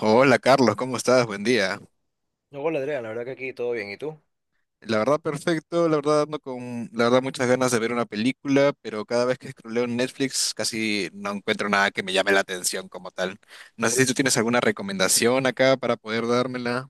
Hola Carlos, ¿cómo estás? Buen día. No, hola Andrea, la verdad que aquí todo bien. ¿Y tú? La verdad perfecto, la verdad ando con, la verdad muchas ganas de ver una película, pero cada vez que scrolleo en Netflix casi no encuentro nada que me llame la atención como tal. No sé si tú tienes alguna recomendación acá para poder dármela.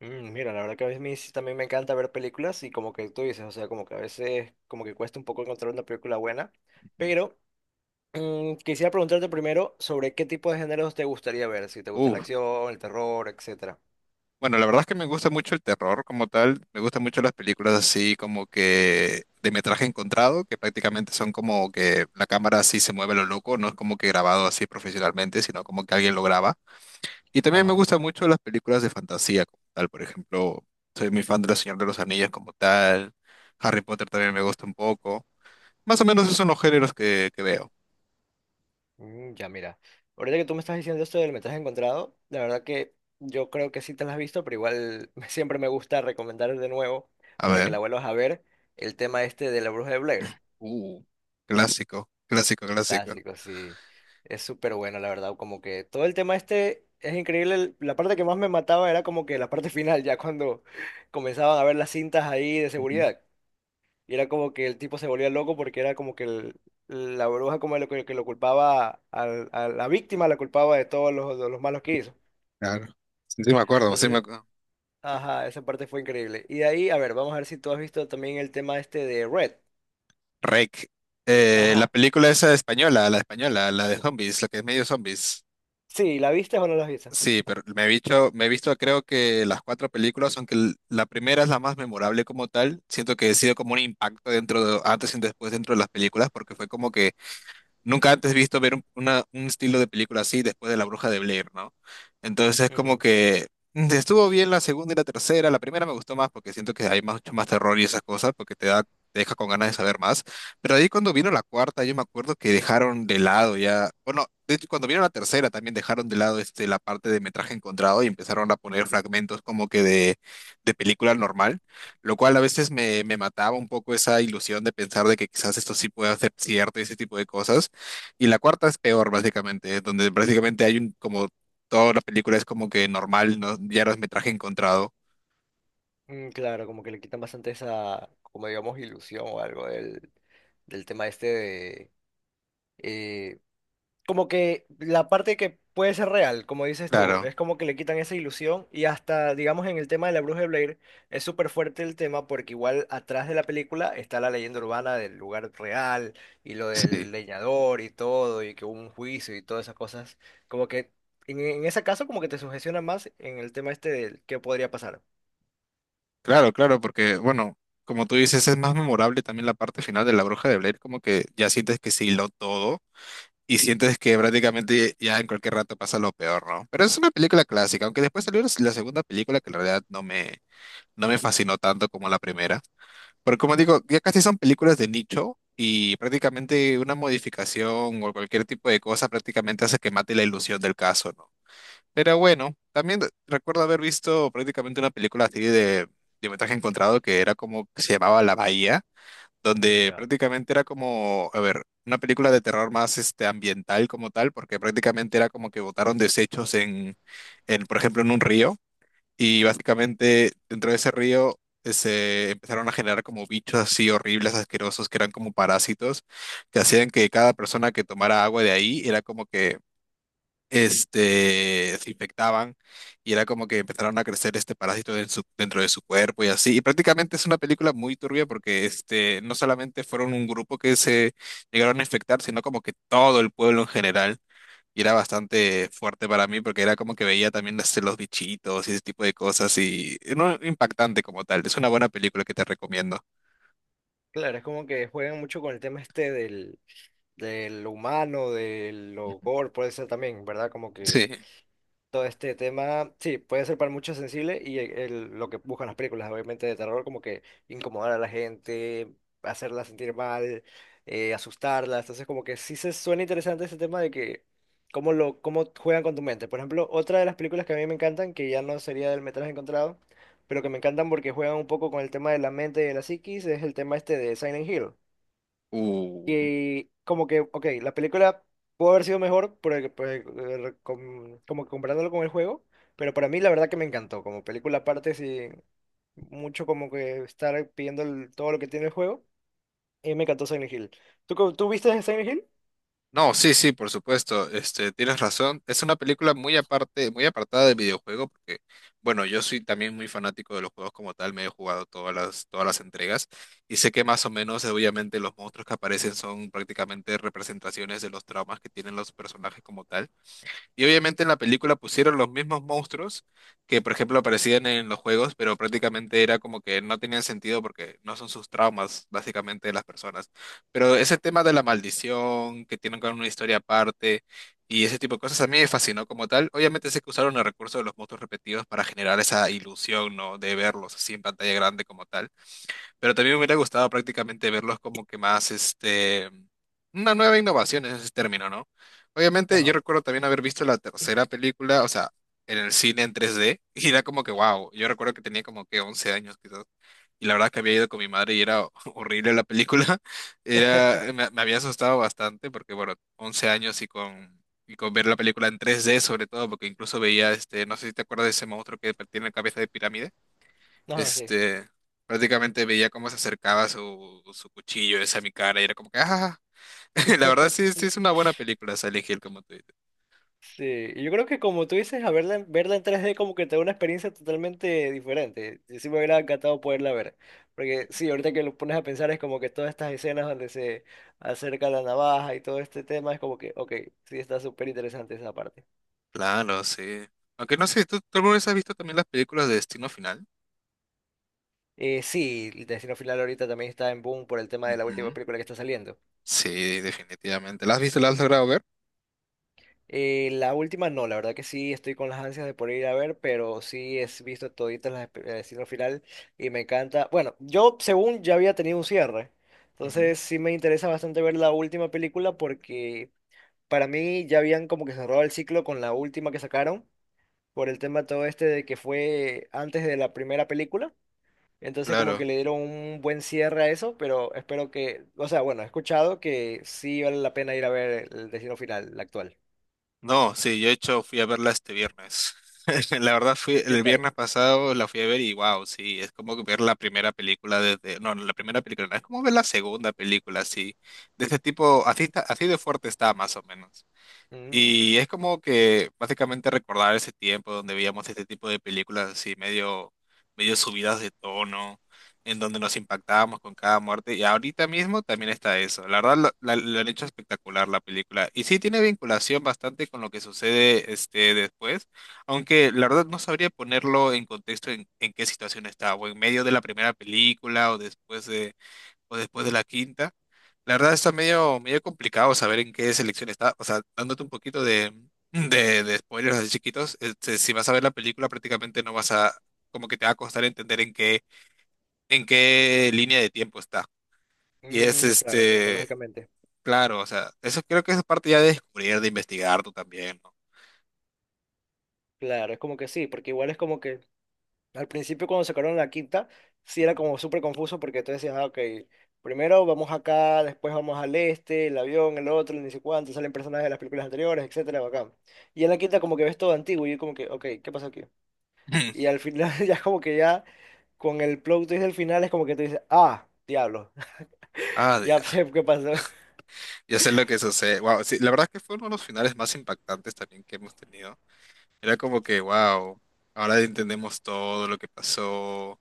Mira, la verdad que a veces sí también me encanta ver películas y como que tú dices, o sea, como que a veces como que cuesta un poco encontrar una película buena, Ujú. pero quisiera preguntarte primero sobre qué tipo de géneros te gustaría ver, si te gusta la Uf, acción, el terror, etcétera. bueno, la verdad es que me gusta mucho el terror como tal, me gustan mucho las películas así como que de metraje encontrado, que prácticamente son como que la cámara así se mueve a lo loco, no es como que grabado así profesionalmente, sino como que alguien lo graba. Y también me Ajá. gustan mucho las películas de fantasía como tal, por ejemplo, soy muy fan de La Señor de los Anillos como tal, Harry Potter también me gusta un poco. Más o menos esos son los géneros que veo. Ya, mira. Ahorita que tú me estás diciendo esto del metraje encontrado, la verdad que yo creo que sí te la has visto, pero igual siempre me gusta recomendar de nuevo A para ver, que la vuelvas a ver el tema este de la Bruja de Blair. uh, clásico, clásico, clásico. Clásico, sí. Es súper bueno, la verdad. Como que todo el tema este es increíble. La parte que más me mataba era como que la parte final, ya cuando comenzaban a ver las cintas ahí de Ujú. seguridad. Y era como que el tipo se volvía loco porque era como que la bruja como lo, que, lo culpaba, a la víctima la culpaba de todos los, de los malos que hizo. Claro. Sí, sí me acuerdo, sí me Entonces, acuerdo. ajá, esa parte fue increíble. Y de ahí, a ver, vamos a ver si tú has visto también el tema este de Red. Rec. La Ajá. película esa española, la de zombies, la que es medio zombies. Sí, ¿la viste o no la viste? Sí, pero me he visto creo que las cuatro películas, aunque la primera es la más memorable como tal, siento que he sido como un impacto dentro de, antes y después dentro de las películas, porque fue como que nunca antes visto ver un estilo de película así después de La Bruja de Blair, ¿no? Entonces es como que estuvo bien la segunda y la tercera. La primera me gustó más porque siento que hay mucho más terror y esas cosas porque te da, te deja con ganas de saber más. Pero ahí cuando vino la cuarta, yo me acuerdo que dejaron de lado ya, bueno, de hecho cuando vino la tercera también dejaron de lado este, la parte de metraje encontrado y empezaron a poner fragmentos como que de película normal, lo cual a veces me mataba un poco esa ilusión de pensar de que quizás esto sí pueda ser cierto y ese tipo de cosas. Y la cuarta es peor, básicamente, donde prácticamente hay como toda la película es como que normal, ¿no? Ya metraje encontrado. Claro, como que le quitan bastante esa, como digamos, ilusión o algo del, del tema este de... eh, como que la parte que puede ser real, como dices tú, Claro, es como que le quitan esa ilusión y hasta, digamos, en el tema de la Bruja de Blair es súper fuerte el tema porque igual atrás de la película está la leyenda urbana del lugar real y lo sí. del leñador y todo y que hubo un juicio y todas esas cosas. Como que en ese caso como que te sugestiona más en el tema este del qué podría pasar. Claro, claro, porque, bueno, como tú dices, es más memorable también la parte final de La Bruja de Blair, como que ya sientes que se hiló todo y sientes que prácticamente ya en cualquier rato pasa lo peor, ¿no? Pero es una película clásica, aunque después salió la la segunda película que en realidad no me fascinó tanto como la primera. Pero como digo, ya casi son películas de nicho y prácticamente una modificación o cualquier tipo de cosa prácticamente hace que mate la ilusión del caso, ¿no? Pero bueno, también recuerdo haber visto prácticamente una película así de metraje encontrado que se llamaba La Bahía, donde Ya. prácticamente era como, a ver, una película de terror más este, ambiental como tal, porque prácticamente era como que botaron desechos por ejemplo, en un río. Y básicamente dentro de ese río se empezaron a generar como bichos así horribles, asquerosos, que eran como parásitos, que hacían que cada persona que tomara agua de ahí era como que este, se infectaban y era como que empezaron a crecer este parásito en dentro de su cuerpo y así. Y prácticamente es una película muy turbia porque este, no solamente fueron un grupo que se llegaron a infectar, sino como que todo el pueblo en general. Y era bastante fuerte para mí porque era como que veía también los bichitos y ese tipo de cosas y no impactante como tal. Es una buena película que te recomiendo. Claro, es como que juegan mucho con el tema este del, del humano, de lo gore, puede ser también, ¿verdad? Como que Sí. todo este tema, sí, puede ser para muchos sensible y lo que buscan las películas, obviamente, de terror, como que incomodar a la gente, hacerla sentir mal, asustarla. Entonces, como que sí se suena interesante ese tema de que cómo lo, cómo juegan con tu mente. Por ejemplo, otra de las películas que a mí me encantan, que ya no sería del metraje encontrado, pero que me encantan porque juegan un poco con el tema de la mente y de la psiquis, es el tema este de Silent Hill Uh, que como que, ok, la película pudo haber sido mejor por como que comparándolo con el juego, pero para mí la verdad que me encantó, como película aparte, sí, mucho como que estar pidiendo todo lo que tiene el juego, y me encantó Silent Hill. ¿Tú, tú viste Silent Hill? no, sí, sí, por supuesto. Este, tienes razón. Es una película muy aparte, muy apartada del videojuego porque, bueno, yo soy también muy fanático de los juegos como tal. Me he jugado todas las entregas y sé que más o menos, obviamente, los monstruos que aparecen son prácticamente representaciones de los traumas que tienen los personajes como tal. Y obviamente en la película pusieron los mismos monstruos que, por ejemplo, aparecían en los juegos, pero prácticamente era como que no tenían sentido porque no son sus traumas, básicamente, de las personas. Pero ese tema de la maldición, que tienen con una historia aparte y ese tipo de cosas, a mí me fascinó como tal. Obviamente sé que usaron el recurso de los monstruos repetidos para generar esa ilusión, ¿no? De verlos así en pantalla grande como tal. Pero también me hubiera gustado prácticamente verlos como que más, este, una nueva innovación en ese término, ¿no? Obviamente yo Ajá. recuerdo también haber visto la tercera película, o sea, en el cine en 3D y era como que, wow, yo recuerdo que tenía como que 11 años quizás, y la verdad que había ido con mi madre y era horrible la película, era, me había asustado bastante porque, bueno, 11 años y con. Y con ver la película en 3D sobre todo, porque incluso veía, este, no sé si te acuerdas de ese monstruo que tiene la cabeza de pirámide. Ajá, sí. Este, prácticamente veía cómo se acercaba su cuchillo ese a mi cara y era como que, ah, la verdad sí, sí es una buena película, Silent Hill, como tú dices. Sí, y yo creo que como tú dices, a verla, verla en 3D como que te da una experiencia totalmente diferente. Y sí me hubiera encantado poderla ver. Porque sí, ahorita que lo pones a pensar es como que todas estas escenas donde se acerca la navaja y todo este tema es como que, ok, sí está súper interesante esa parte. Claro, sí. Aunque no sé, ¿tú alguna vez has visto también las películas de Destino Final? Sí, el Destino Final ahorita también está en boom por el tema de la última Ujú. película que está saliendo. Sí, definitivamente. ¿Las has visto? ¿Las has logrado ver? La última no, la verdad que sí, estoy con las ansias de poder ir a ver, pero sí he visto toditas las el destino final y me encanta. Bueno, yo según ya había tenido un cierre, Ujú. entonces sí me interesa bastante ver la última película porque para mí ya habían como que cerrado el ciclo con la última que sacaron por el tema todo este de que fue antes de la primera película. Entonces como que Claro. le dieron un buen cierre a eso, pero espero que, o sea, bueno, he escuchado que sí vale la pena ir a ver el destino final, la actual. No, sí, yo de hecho fui a verla este viernes. La verdad fui ¿Y qué el tal? viernes pasado la fui a ver y wow, sí, es como que ver la primera película desde, no, no, la primera película, no, es como ver la segunda película, sí. De ese tipo, así está- así de fuerte está más o menos. Mm. Y es como que básicamente recordar ese tiempo donde veíamos este tipo de películas así medio, medio subidas de tono, en donde nos impactábamos con cada muerte. Y ahorita mismo también está eso. La verdad lo han hecho espectacular la película. Y sí tiene vinculación bastante con lo que sucede este después, aunque la verdad no sabría ponerlo en contexto en qué situación estaba, o en medio de la primera película, o después de la quinta. La verdad está medio, medio complicado saber en qué selección está. O sea, dándote un poquito de spoilers así chiquitos, este, si vas a ver la película prácticamente no vas a, como que te va a costar entender en qué línea de tiempo está. Y es Claro, este, cronológicamente. claro, o sea, eso creo que es parte ya de descubrir, de investigar tú también, ¿no? Claro, es como que sí, porque igual es como que al principio cuando sacaron la quinta, sí era como súper confuso porque tú decías, ah, ok, primero vamos acá, después vamos al este, el avión, el otro, ni sé cuánto, salen personajes de las películas anteriores, etcétera, bacán. Y en la quinta como que ves todo antiguo y yo como que, ok, ¿qué pasa aquí? Y al final ya como que ya con el plot twist del final es como que tú dices, ah, diablo, Ah, ya ya. sé qué pasó. Ya sé lo que sucede. Wow, sí, la verdad que fue uno de los finales más impactantes también que hemos tenido. Era como que, wow, ahora entendemos todo lo que pasó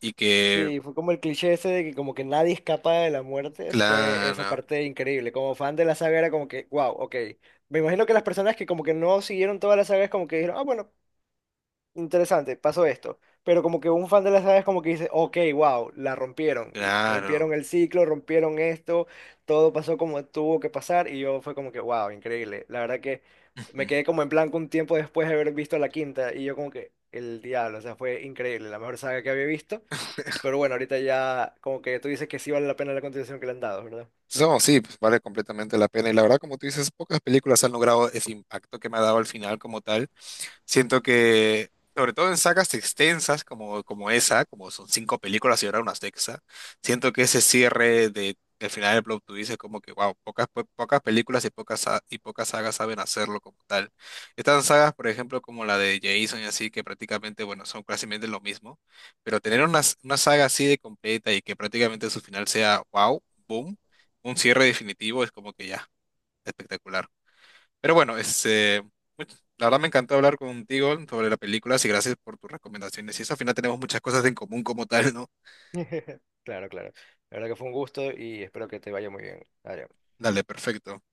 y que, Sí, fue como el cliché ese de que como que nadie escapa de la muerte, fue esa claro, parte increíble. Como fan de la saga era como que, wow, ok. Me imagino que las personas que como que no siguieron toda la saga es como que dijeron, ah, bueno, interesante, pasó esto. Pero como que un fan de la saga es como que dice, ok, wow, la rompieron. claro. Rompieron el ciclo, rompieron esto, todo pasó como tuvo que pasar y yo fue como que, wow, increíble. La verdad que Ujú. me quedé como en blanco un tiempo después de haber visto la quinta y yo como que, el diablo, o sea, fue increíble, la mejor saga que había visto. Pero bueno, ahorita ya como que tú dices que sí vale la pena la contribución que le han dado, ¿verdad? So, sí, pues vale completamente la pena. Y la verdad, como tú dices, pocas películas han logrado ese impacto que me ha dado al final como tal. Siento que, sobre todo en sagas extensas como esa, como son cinco películas y ahora una sexta, siento que ese cierre de, del final del plot twist es como que, wow, pocas, pocas películas y y pocas sagas saben hacerlo como tal. Estas sagas, por ejemplo, como la de Jason y así, que prácticamente, bueno, son prácticamente lo mismo, pero tener una saga así de completa y que prácticamente su final sea, wow, boom, un cierre definitivo es como que ya, espectacular. Pero bueno, este, la verdad me encantó hablar contigo sobre la película y gracias por tus recomendaciones. Y eso al final tenemos muchas cosas en común como tal, ¿no? Claro, claro. La verdad que fue un gusto y espero que te vaya muy bien. Adrián. Dale, perfecto.